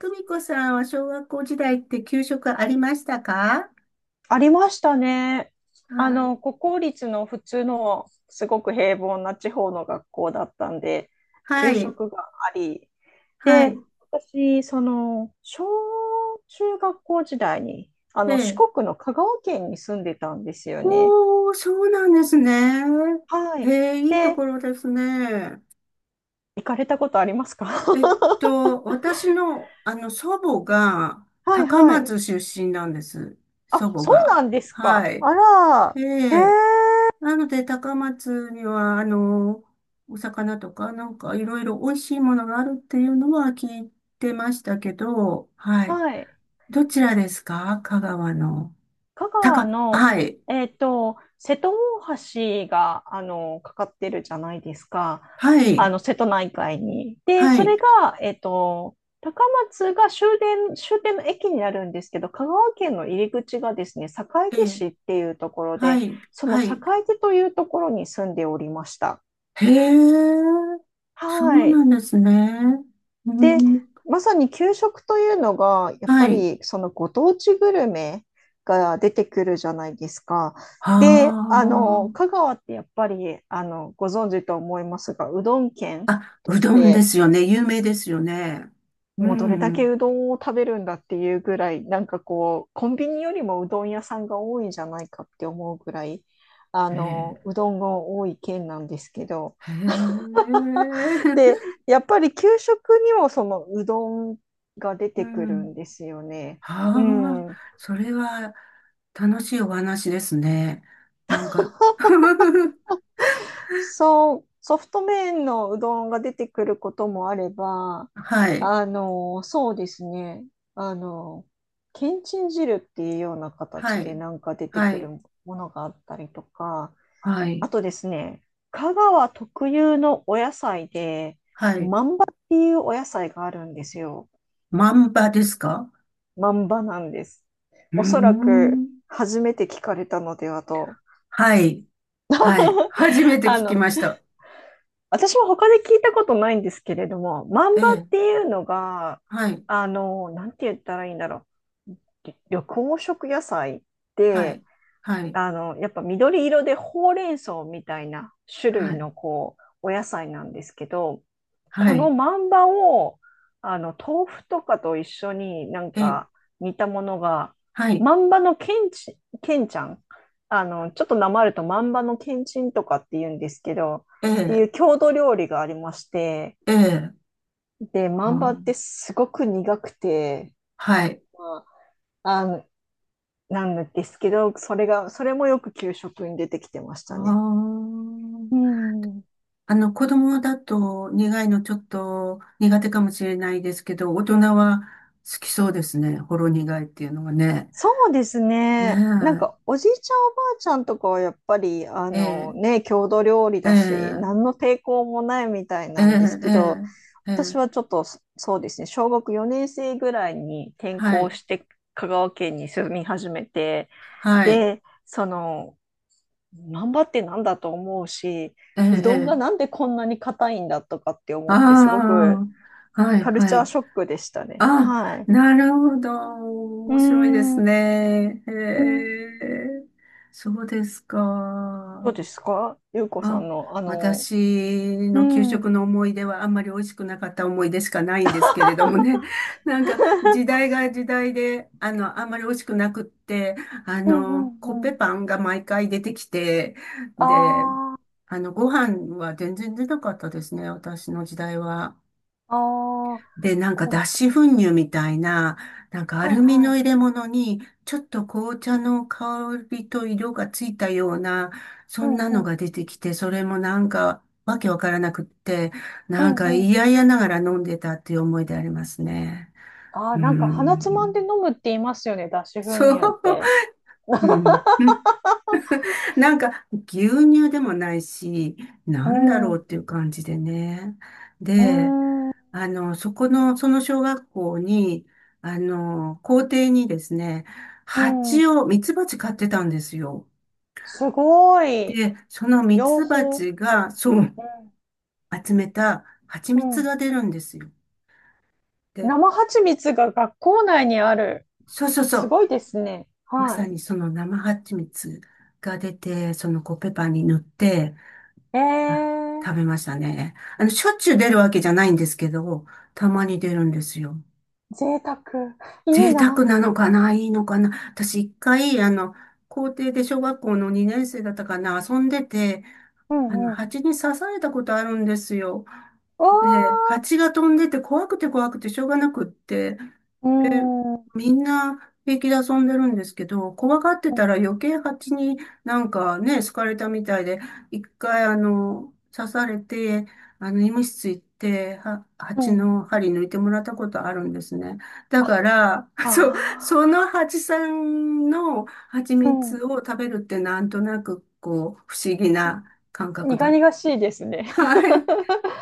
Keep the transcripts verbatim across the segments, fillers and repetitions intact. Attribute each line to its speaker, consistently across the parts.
Speaker 1: とみこさんは小学校時代って給食ありましたか？
Speaker 2: ありましたね。あ
Speaker 1: は
Speaker 2: の、
Speaker 1: い。
Speaker 2: 国公立の普通のすごく平凡な地方の学校だったんで、
Speaker 1: は
Speaker 2: 給
Speaker 1: い。
Speaker 2: 食があり。
Speaker 1: は
Speaker 2: で、
Speaker 1: い。
Speaker 2: 私、その、小中学校時代に、あ
Speaker 1: え
Speaker 2: の、四
Speaker 1: え。
Speaker 2: 国の香川県に住んでたんですよね。
Speaker 1: おー、そうなんですね。
Speaker 2: はい。
Speaker 1: へえ、いいと
Speaker 2: で、
Speaker 1: ころですね。
Speaker 2: 行かれたことありますか？
Speaker 1: えっ と、私の、あの、祖母が
Speaker 2: はい
Speaker 1: 高
Speaker 2: はい。
Speaker 1: 松出身なんです。祖
Speaker 2: あ、
Speaker 1: 母
Speaker 2: そう
Speaker 1: が。
Speaker 2: なんです
Speaker 1: は
Speaker 2: か。
Speaker 1: い。
Speaker 2: あら、
Speaker 1: ええ。なので、高松には、あの、お魚とか、なんかいろいろ美味しいものがあるっていうのは聞いてましたけど、はい。
Speaker 2: はい。
Speaker 1: どちらですか香川の？
Speaker 2: 香
Speaker 1: た
Speaker 2: 川
Speaker 1: か、
Speaker 2: の、
Speaker 1: はい。
Speaker 2: えっと、瀬戸大橋が、あの、かかってるじゃないですか。
Speaker 1: は
Speaker 2: あ
Speaker 1: い。
Speaker 2: の、瀬戸内海に。で、
Speaker 1: は
Speaker 2: そ
Speaker 1: い。
Speaker 2: れが、えっと、高松が終電、終点の駅になるんですけど、香川県の入り口がですね、坂
Speaker 1: え
Speaker 2: 出
Speaker 1: え。
Speaker 2: 市っていうところ
Speaker 1: は
Speaker 2: で、
Speaker 1: い。
Speaker 2: その
Speaker 1: はい。
Speaker 2: 坂出というところに住んでおりました。
Speaker 1: へえ。そ
Speaker 2: は
Speaker 1: うな
Speaker 2: い。
Speaker 1: んですね。うん。
Speaker 2: まさに給食というのが、やっ
Speaker 1: は
Speaker 2: ぱ
Speaker 1: い。
Speaker 2: りそのご当地グルメが出てくるじゃないですか。で、
Speaker 1: は
Speaker 2: あの、香川ってやっぱり、あの、ご存知と思いますが、うどん県
Speaker 1: あ。あ、
Speaker 2: と
Speaker 1: う
Speaker 2: し
Speaker 1: どんで
Speaker 2: て、
Speaker 1: すよね。有名ですよね。う
Speaker 2: もうどれだけ
Speaker 1: ん。
Speaker 2: うどんを食べるんだっていうぐらい、なんかこう、コンビニよりもうどん屋さんが多いんじゃないかって思うぐらい、あ
Speaker 1: へ
Speaker 2: の、
Speaker 1: え。
Speaker 2: うどんが多い県なんですけど、
Speaker 1: へえ。
Speaker 2: で、やっぱり給食にもそのうどんが出
Speaker 1: う
Speaker 2: てくる
Speaker 1: ん。
Speaker 2: んですよね。う
Speaker 1: はあ。
Speaker 2: ん。
Speaker 1: それは楽しいお話ですね。なんか
Speaker 2: そう、ソフト麺のうどんが出てくることもあれば、
Speaker 1: はい。
Speaker 2: あの、そうですね。あの、けんちん汁っていうような
Speaker 1: は
Speaker 2: 形で
Speaker 1: い。
Speaker 2: なんか出て
Speaker 1: は
Speaker 2: くる
Speaker 1: い。
Speaker 2: ものがあったりとか、
Speaker 1: は
Speaker 2: あ
Speaker 1: い。
Speaker 2: とですね、香川特有のお野菜で、
Speaker 1: はい。
Speaker 2: まんばっていうお野菜があるんですよ。
Speaker 1: 万場ですか？
Speaker 2: まんばなんです。
Speaker 1: うー
Speaker 2: おそらく
Speaker 1: ん。
Speaker 2: 初めて聞かれたのではと。
Speaker 1: はい。はい。初め て
Speaker 2: あ
Speaker 1: 聞き
Speaker 2: の、
Speaker 1: ました。
Speaker 2: 私も他で聞いたことないんですけれども、マ
Speaker 1: え
Speaker 2: ンバ
Speaker 1: え。
Speaker 2: っていうのが、
Speaker 1: はい。
Speaker 2: あの、なんて言ったらいいんだろう。緑黄色野菜
Speaker 1: は
Speaker 2: で、
Speaker 1: い。はい。
Speaker 2: あの、やっぱ緑色でほうれん草みたいな種
Speaker 1: は
Speaker 2: 類
Speaker 1: い。
Speaker 2: のこう、お野菜なんですけど、
Speaker 1: は
Speaker 2: この
Speaker 1: い。
Speaker 2: マンバを、あの、豆腐とかと一緒になん
Speaker 1: ええ。
Speaker 2: か煮たものが、
Speaker 1: はい。
Speaker 2: マンバのけんち、けんちゃん。あの、ちょっとなまるとマンバのけんちんとかって言うんですけど、っ
Speaker 1: え
Speaker 2: てい
Speaker 1: え。
Speaker 2: う郷土料理がありまして、
Speaker 1: ええ。
Speaker 2: で、
Speaker 1: あ
Speaker 2: マンバっ
Speaker 1: ー、
Speaker 2: てすごく苦くて、
Speaker 1: はい。
Speaker 2: まあ、あの、なんですけど、それが、それもよく給食に出てきてまし
Speaker 1: あ
Speaker 2: たね。う
Speaker 1: ー。
Speaker 2: ん。
Speaker 1: あの、子供だと苦いのちょっと苦手かもしれないですけど、大人は好きそうですね。ほろ苦いっていうのはね。
Speaker 2: そうですね。なん
Speaker 1: ね
Speaker 2: か、おじいちゃん、おばあちゃんとかはやっぱり、あ
Speaker 1: え。え
Speaker 2: の
Speaker 1: え。
Speaker 2: ね、郷土料理
Speaker 1: え
Speaker 2: だし、何
Speaker 1: え。
Speaker 2: の抵抗もないみたい
Speaker 1: え
Speaker 2: なんです
Speaker 1: え、え
Speaker 2: けど、
Speaker 1: え、え
Speaker 2: 私
Speaker 1: え、
Speaker 2: はちょっと、そそうですね、小学よねん生ぐらいに転
Speaker 1: は
Speaker 2: 校
Speaker 1: い、
Speaker 2: して、香川県に住み始めて、
Speaker 1: はい、
Speaker 2: で、その、難波ってなんだと思うし、
Speaker 1: ええ、
Speaker 2: う
Speaker 1: え
Speaker 2: どんがな
Speaker 1: え、
Speaker 2: んでこんなに硬いんだとかって思って、すご
Speaker 1: あ
Speaker 2: く
Speaker 1: あ、はい、
Speaker 2: カル
Speaker 1: は
Speaker 2: チャー
Speaker 1: い。
Speaker 2: ショックでしたね。
Speaker 1: あ、
Speaker 2: はい。
Speaker 1: なるほど。
Speaker 2: うー
Speaker 1: 面白いで
Speaker 2: ん。
Speaker 1: すね。
Speaker 2: うん、
Speaker 1: へえ、そうです
Speaker 2: どう
Speaker 1: か。
Speaker 2: ですかゆうこさ
Speaker 1: あ、
Speaker 2: んの、あの、
Speaker 1: 私
Speaker 2: う
Speaker 1: の給
Speaker 2: ん、うん、
Speaker 1: 食の思い出はあんまり美味しくなかった思い出しかないんですけれどもね。なんか時代が時代で、あの、あんまり美味しくなくって、あ
Speaker 2: う
Speaker 1: の、
Speaker 2: ん、
Speaker 1: コッ
Speaker 2: う
Speaker 1: ペ
Speaker 2: ん。
Speaker 1: パンが毎回出てきて、で、
Speaker 2: あ
Speaker 1: あの、ご飯は全然出なかったですね、私の時代は。
Speaker 2: あ、ああ、
Speaker 1: で、なんか
Speaker 2: こ、
Speaker 1: 脱脂粉乳みたいな、なんかア
Speaker 2: はい、
Speaker 1: ルミ
Speaker 2: は
Speaker 1: の
Speaker 2: い。
Speaker 1: 入れ物に、ちょっと紅茶の香りと色がついたような、そ
Speaker 2: う
Speaker 1: ん
Speaker 2: ん、
Speaker 1: な
Speaker 2: う
Speaker 1: の
Speaker 2: ん、
Speaker 1: が出てきて、それもなんかわけわからなくって、
Speaker 2: う
Speaker 1: なんか
Speaker 2: ん、うん。
Speaker 1: 嫌々ながら飲んでたっていう思いでありますね。
Speaker 2: ああ、
Speaker 1: う
Speaker 2: なんか鼻つまんで
Speaker 1: ん。
Speaker 2: 飲 むって言いますよね、脱脂粉
Speaker 1: そう。
Speaker 2: 乳って。
Speaker 1: うん。なんか牛乳でもないし、
Speaker 2: う
Speaker 1: なんだ
Speaker 2: ん、
Speaker 1: ろう
Speaker 2: う
Speaker 1: っていう感じでね。で、
Speaker 2: ん、
Speaker 1: あの、そこの、その小学校に、あの、校庭にですね、
Speaker 2: うん。
Speaker 1: 蜂を、ミツバチ飼ってたんですよ。
Speaker 2: すごい。
Speaker 1: で、そのミ
Speaker 2: 養
Speaker 1: ツバ
Speaker 2: 蜂。
Speaker 1: チが、そう、集めた蜂
Speaker 2: うん、
Speaker 1: 蜜
Speaker 2: うん。
Speaker 1: が出るんですよ。で、
Speaker 2: 生蜂蜜が学校内にある。
Speaker 1: そうそうそ
Speaker 2: す
Speaker 1: う、
Speaker 2: ごいですね。
Speaker 1: まさ
Speaker 2: は
Speaker 1: にその生蜂蜜が出て、そのコッペパンに塗って、あ、
Speaker 2: い。ええ
Speaker 1: 食べましたね。あの、しょっちゅう出るわけじゃないんですけど、たまに出るんですよ。
Speaker 2: ー、贅沢。いい
Speaker 1: 贅沢
Speaker 2: な。
Speaker 1: なのかないいのかな。私一回、あの、校庭で小学校のに生だったかな遊んでて、
Speaker 2: う
Speaker 1: あの、
Speaker 2: ん、うん。
Speaker 1: 蜂に刺されたことあるんですよ。で、
Speaker 2: わ
Speaker 1: 蜂が飛んでて怖くて怖くてしょうがなくって、
Speaker 2: うーん、う
Speaker 1: みんな平気で遊んでるんですけど、怖がって
Speaker 2: ん、
Speaker 1: たら余計蜂になんかね、好かれたみたいで、一回あの、刺されて、あの、医務室行って、は、
Speaker 2: う
Speaker 1: 蜂
Speaker 2: ん。
Speaker 1: の針抜いてもらったことあるんですね。だか
Speaker 2: あ、
Speaker 1: ら、そう、そ
Speaker 2: あ
Speaker 1: の蜂さんの蜂
Speaker 2: あ、うん。
Speaker 1: 蜜を食べるってなんとなくこう、不思議な感覚
Speaker 2: 苦
Speaker 1: だ。
Speaker 2: 々しいですね。
Speaker 1: はい。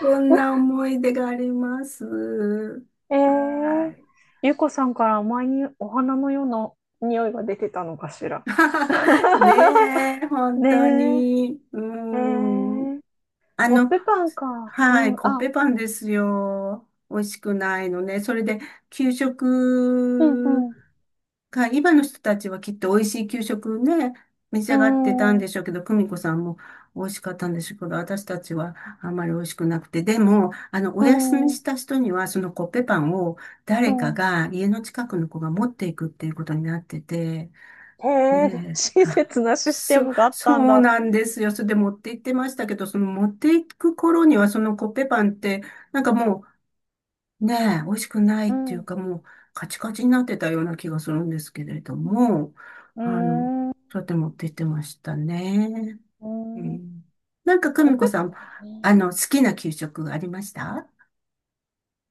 Speaker 1: そんな思い出があります。
Speaker 2: え
Speaker 1: は
Speaker 2: え、
Speaker 1: い。
Speaker 2: ゆうこさんから前にお花のような匂いが出てたのかしら。
Speaker 1: ねえ、本当
Speaker 2: ね
Speaker 1: に。う
Speaker 2: え、え
Speaker 1: ん。
Speaker 2: え、
Speaker 1: あ
Speaker 2: コッ
Speaker 1: の、
Speaker 2: ペパンか。う
Speaker 1: はい、
Speaker 2: ん、
Speaker 1: コッ
Speaker 2: あ、
Speaker 1: ペパンですよ。美味しくないのね。それで、給
Speaker 2: うん、
Speaker 1: 食
Speaker 2: うん、
Speaker 1: が、今の人たちはきっと美味しい給食ね、召し
Speaker 2: う
Speaker 1: 上がってたんで
Speaker 2: ん、
Speaker 1: しょうけど、久美子さんも美味しかったんでしょうけど、私たちはあんまり美味しくなくて。でも、あの、お
Speaker 2: う
Speaker 1: 休みし
Speaker 2: ん、
Speaker 1: た人には、そのコッペパンを
Speaker 2: う
Speaker 1: 誰か
Speaker 2: ん。
Speaker 1: が家の近くの子が持っていくっていうことになってて、
Speaker 2: へえ、
Speaker 1: ねえ。
Speaker 2: 親
Speaker 1: あ、
Speaker 2: 切なシステ
Speaker 1: そ、
Speaker 2: ムがあっ
Speaker 1: そ
Speaker 2: たん
Speaker 1: う
Speaker 2: だ。
Speaker 1: なんですよ。それで持って行ってましたけど、その持って行く頃にはそのコッペパンって、なんかもうねえ、美味しくない
Speaker 2: う
Speaker 1: ってい
Speaker 2: ん、
Speaker 1: う
Speaker 2: う
Speaker 1: かもうカチカチになってたような気がするんですけれども、
Speaker 2: ー
Speaker 1: あの、
Speaker 2: ん、う
Speaker 1: そうやって持って行ってましたね。
Speaker 2: ー
Speaker 1: う
Speaker 2: ん。
Speaker 1: ん、なんか久
Speaker 2: コッ
Speaker 1: 美
Speaker 2: ペ
Speaker 1: 子さん、
Speaker 2: パンね。
Speaker 1: あの、好きな給食ありました？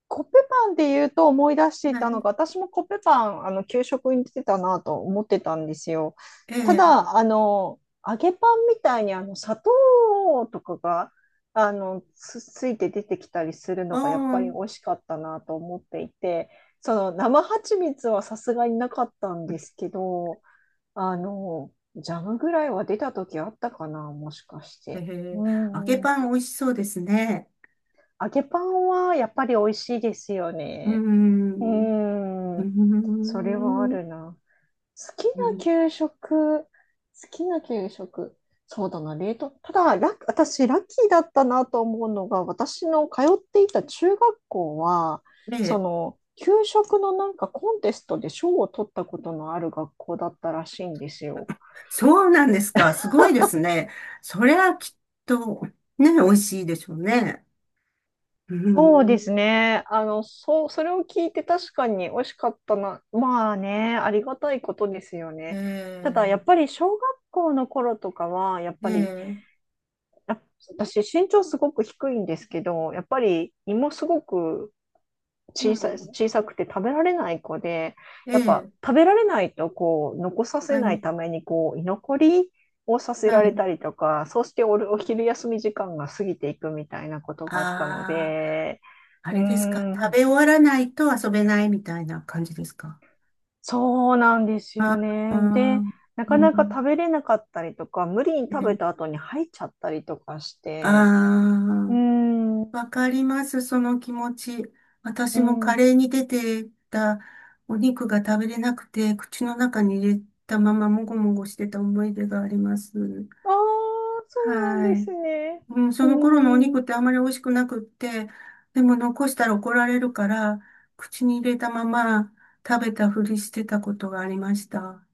Speaker 2: コッペパンで言うと思い出してい
Speaker 1: は
Speaker 2: たの
Speaker 1: い。
Speaker 2: が、私もコッペパン、あの、給食に出てたなと思ってたんですよ。
Speaker 1: え
Speaker 2: た
Speaker 1: え。
Speaker 2: だ、あの、揚げパンみたいに、あの、砂糖とかが、あの、つ、ついて出てきたりする
Speaker 1: あ
Speaker 2: のが、やっ
Speaker 1: あ、
Speaker 2: ぱり美味しかったなと思っていて、その、生蜂蜜はさすがになかったんですけど、あの、ジャムぐらいは出た時あったかな、もしかし
Speaker 1: え
Speaker 2: て。
Speaker 1: え。
Speaker 2: う
Speaker 1: 揚げ
Speaker 2: ん。
Speaker 1: パン美味しそうですね。
Speaker 2: 揚げパンはやっぱり美味しいですよ
Speaker 1: うー
Speaker 2: ね。う
Speaker 1: ん。うー
Speaker 2: ーん、それはある
Speaker 1: ん。
Speaker 2: な。好きな
Speaker 1: うん。
Speaker 2: 給食、好きな給食、そうだな、冷凍。ただ、ラッ私、ラッキーだったなと思うのが、私の通っていた中学校は、
Speaker 1: え
Speaker 2: そ
Speaker 1: え、
Speaker 2: の、給食のなんかコンテストで賞を取ったことのある学校だったらしいんですよ。
Speaker 1: そうなんですか。すごいですね。それはきっと、ね、美味しいでしょうね。う
Speaker 2: そう
Speaker 1: ん。
Speaker 2: ですね。あの、そう、それを聞いて確かに美味しかったな。まあね、ありがたいことですよね。ただ、
Speaker 1: え
Speaker 2: やっぱり小学校の頃とかは、やっ
Speaker 1: え、え
Speaker 2: ぱり、
Speaker 1: え、
Speaker 2: やっ私身長すごく低いんですけど、やっぱり胃もすごく
Speaker 1: う
Speaker 2: 小さい、
Speaker 1: ん。
Speaker 2: 小さくて食べられない子で、
Speaker 1: え
Speaker 2: やっぱ
Speaker 1: え、
Speaker 2: 食べられないとこう残さ
Speaker 1: は
Speaker 2: せない
Speaker 1: い、
Speaker 2: ためにこう居残りをさせ
Speaker 1: は
Speaker 2: られ
Speaker 1: い。
Speaker 2: たりとか、そうしておる、お昼休み時間が過ぎていくみたいなことがあったの
Speaker 1: ああ、
Speaker 2: で、
Speaker 1: あ
Speaker 2: うー
Speaker 1: れですか。食
Speaker 2: ん、
Speaker 1: べ終わらないと遊べないみたいな感じですか？
Speaker 2: そうなんです
Speaker 1: あ
Speaker 2: よ
Speaker 1: あ
Speaker 2: ね。で、
Speaker 1: ー、
Speaker 2: なか
Speaker 1: う
Speaker 2: なか
Speaker 1: ん。
Speaker 2: 食べれなかったりとか、無理に食べた後に吐いちゃったりとかして、う
Speaker 1: あ
Speaker 2: ーん、う
Speaker 1: あー、わかります、その気持ち。私も
Speaker 2: ん、
Speaker 1: カ
Speaker 2: あ
Speaker 1: レーに出てたお肉が食べれなくて、口の中に入れたままもごもごしてた思い出があります。
Speaker 2: あ、そうなん
Speaker 1: は
Speaker 2: で
Speaker 1: い。
Speaker 2: すね。
Speaker 1: うん、
Speaker 2: う
Speaker 1: その頃のお
Speaker 2: ーん、
Speaker 1: 肉ってあまり美味しくなくって、でも残したら怒られるから、口に入れたまま食べたふりしてたことがありました。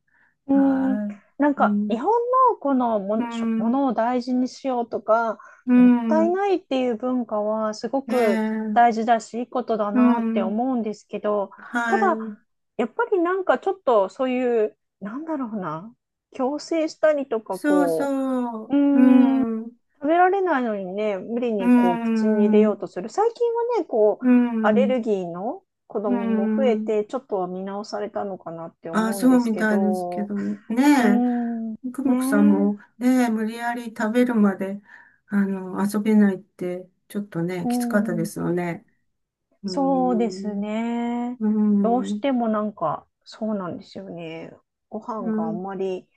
Speaker 2: うーん、
Speaker 1: は
Speaker 2: なん
Speaker 1: い。う
Speaker 2: か日
Speaker 1: ん、
Speaker 2: 本のこのも
Speaker 1: う
Speaker 2: の、しょも
Speaker 1: ん、
Speaker 2: のを大事にしようとか、
Speaker 1: う
Speaker 2: もったい
Speaker 1: ん、
Speaker 2: ないっていう文化はすご
Speaker 1: え
Speaker 2: く
Speaker 1: え、
Speaker 2: 大事だし、いいことだ
Speaker 1: う
Speaker 2: なって
Speaker 1: ん、
Speaker 2: 思うんですけど、た
Speaker 1: は
Speaker 2: だ、
Speaker 1: い。
Speaker 2: やっぱりなんかちょっとそういう、なんだろうな、強制したりとか、
Speaker 1: そう
Speaker 2: こ
Speaker 1: そう。
Speaker 2: う、うー
Speaker 1: う
Speaker 2: ん、
Speaker 1: ん。
Speaker 2: 食べられないのにね、無理
Speaker 1: う
Speaker 2: にこう口に入れよう
Speaker 1: ん。
Speaker 2: とする。最近はね、こう、
Speaker 1: う
Speaker 2: アレ
Speaker 1: ん。
Speaker 2: ルギーの子
Speaker 1: う
Speaker 2: 供も増え
Speaker 1: ん。
Speaker 2: て、ちょっとは見直されたのかなって
Speaker 1: あ、
Speaker 2: 思う
Speaker 1: そ
Speaker 2: んで
Speaker 1: う
Speaker 2: す
Speaker 1: み
Speaker 2: け
Speaker 1: たいですけ
Speaker 2: ど、
Speaker 1: どね。
Speaker 2: うん、ね
Speaker 1: え。久
Speaker 2: え、
Speaker 1: 美子さんもね、無理やり食べるまで、あの、遊べないって、ちょっとね、
Speaker 2: う
Speaker 1: きつかったで
Speaker 2: ん、
Speaker 1: すよね。うー
Speaker 2: そうです
Speaker 1: ん。
Speaker 2: ね。
Speaker 1: う
Speaker 2: どうし
Speaker 1: ん。
Speaker 2: てもなんか、そうなんですよね。ご
Speaker 1: う
Speaker 2: 飯があ
Speaker 1: ん。
Speaker 2: んまり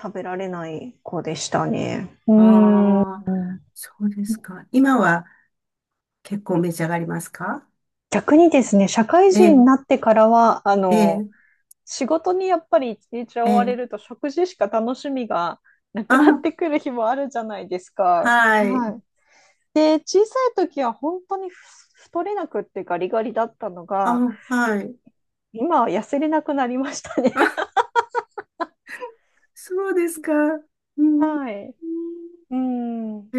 Speaker 2: 食べられない子でしたね。うん、
Speaker 1: ああ、そうですか。今は結構召し上がりますか？
Speaker 2: 逆にですね、社会
Speaker 1: え
Speaker 2: 人にな
Speaker 1: え、
Speaker 2: ってからは、あ
Speaker 1: え
Speaker 2: の、
Speaker 1: え、
Speaker 2: 仕事にやっぱり一日
Speaker 1: え
Speaker 2: 追われ
Speaker 1: え。
Speaker 2: ると食事しか楽しみがなくなっ
Speaker 1: あ、
Speaker 2: てくる日もあるじゃないですか。
Speaker 1: はい。
Speaker 2: はい。で、小さい時は本当にふ太れなくってガリガリだったのが、
Speaker 1: あ、はい。
Speaker 2: 今は痩せれなくなりましたね。
Speaker 1: そうですか。うん。う
Speaker 2: は
Speaker 1: ん。
Speaker 2: い。うん。
Speaker 1: へ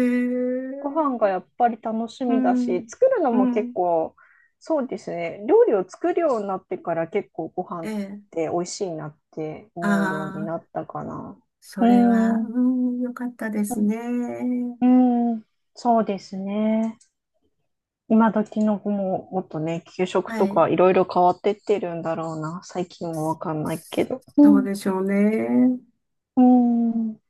Speaker 2: ご飯が
Speaker 1: え。
Speaker 2: やっぱり楽し
Speaker 1: う
Speaker 2: みだし、
Speaker 1: ん。
Speaker 2: 作るの
Speaker 1: う
Speaker 2: も結
Speaker 1: ん。
Speaker 2: 構、そうですね。料理を作るようになってから結構ご飯
Speaker 1: え
Speaker 2: っ
Speaker 1: え。
Speaker 2: て美味しいなって思うように
Speaker 1: ああ、
Speaker 2: なったかな。
Speaker 1: そ
Speaker 2: う
Speaker 1: れは、
Speaker 2: ん。うん。
Speaker 1: うん、よかったですね。
Speaker 2: うん、そうですね。今時の子ももっとね、給食
Speaker 1: は
Speaker 2: と
Speaker 1: い。
Speaker 2: かいろいろ変わってってるんだろうな。最近はわかんないけど。う
Speaker 1: そう
Speaker 2: ん。
Speaker 1: でしょうね。
Speaker 2: うん。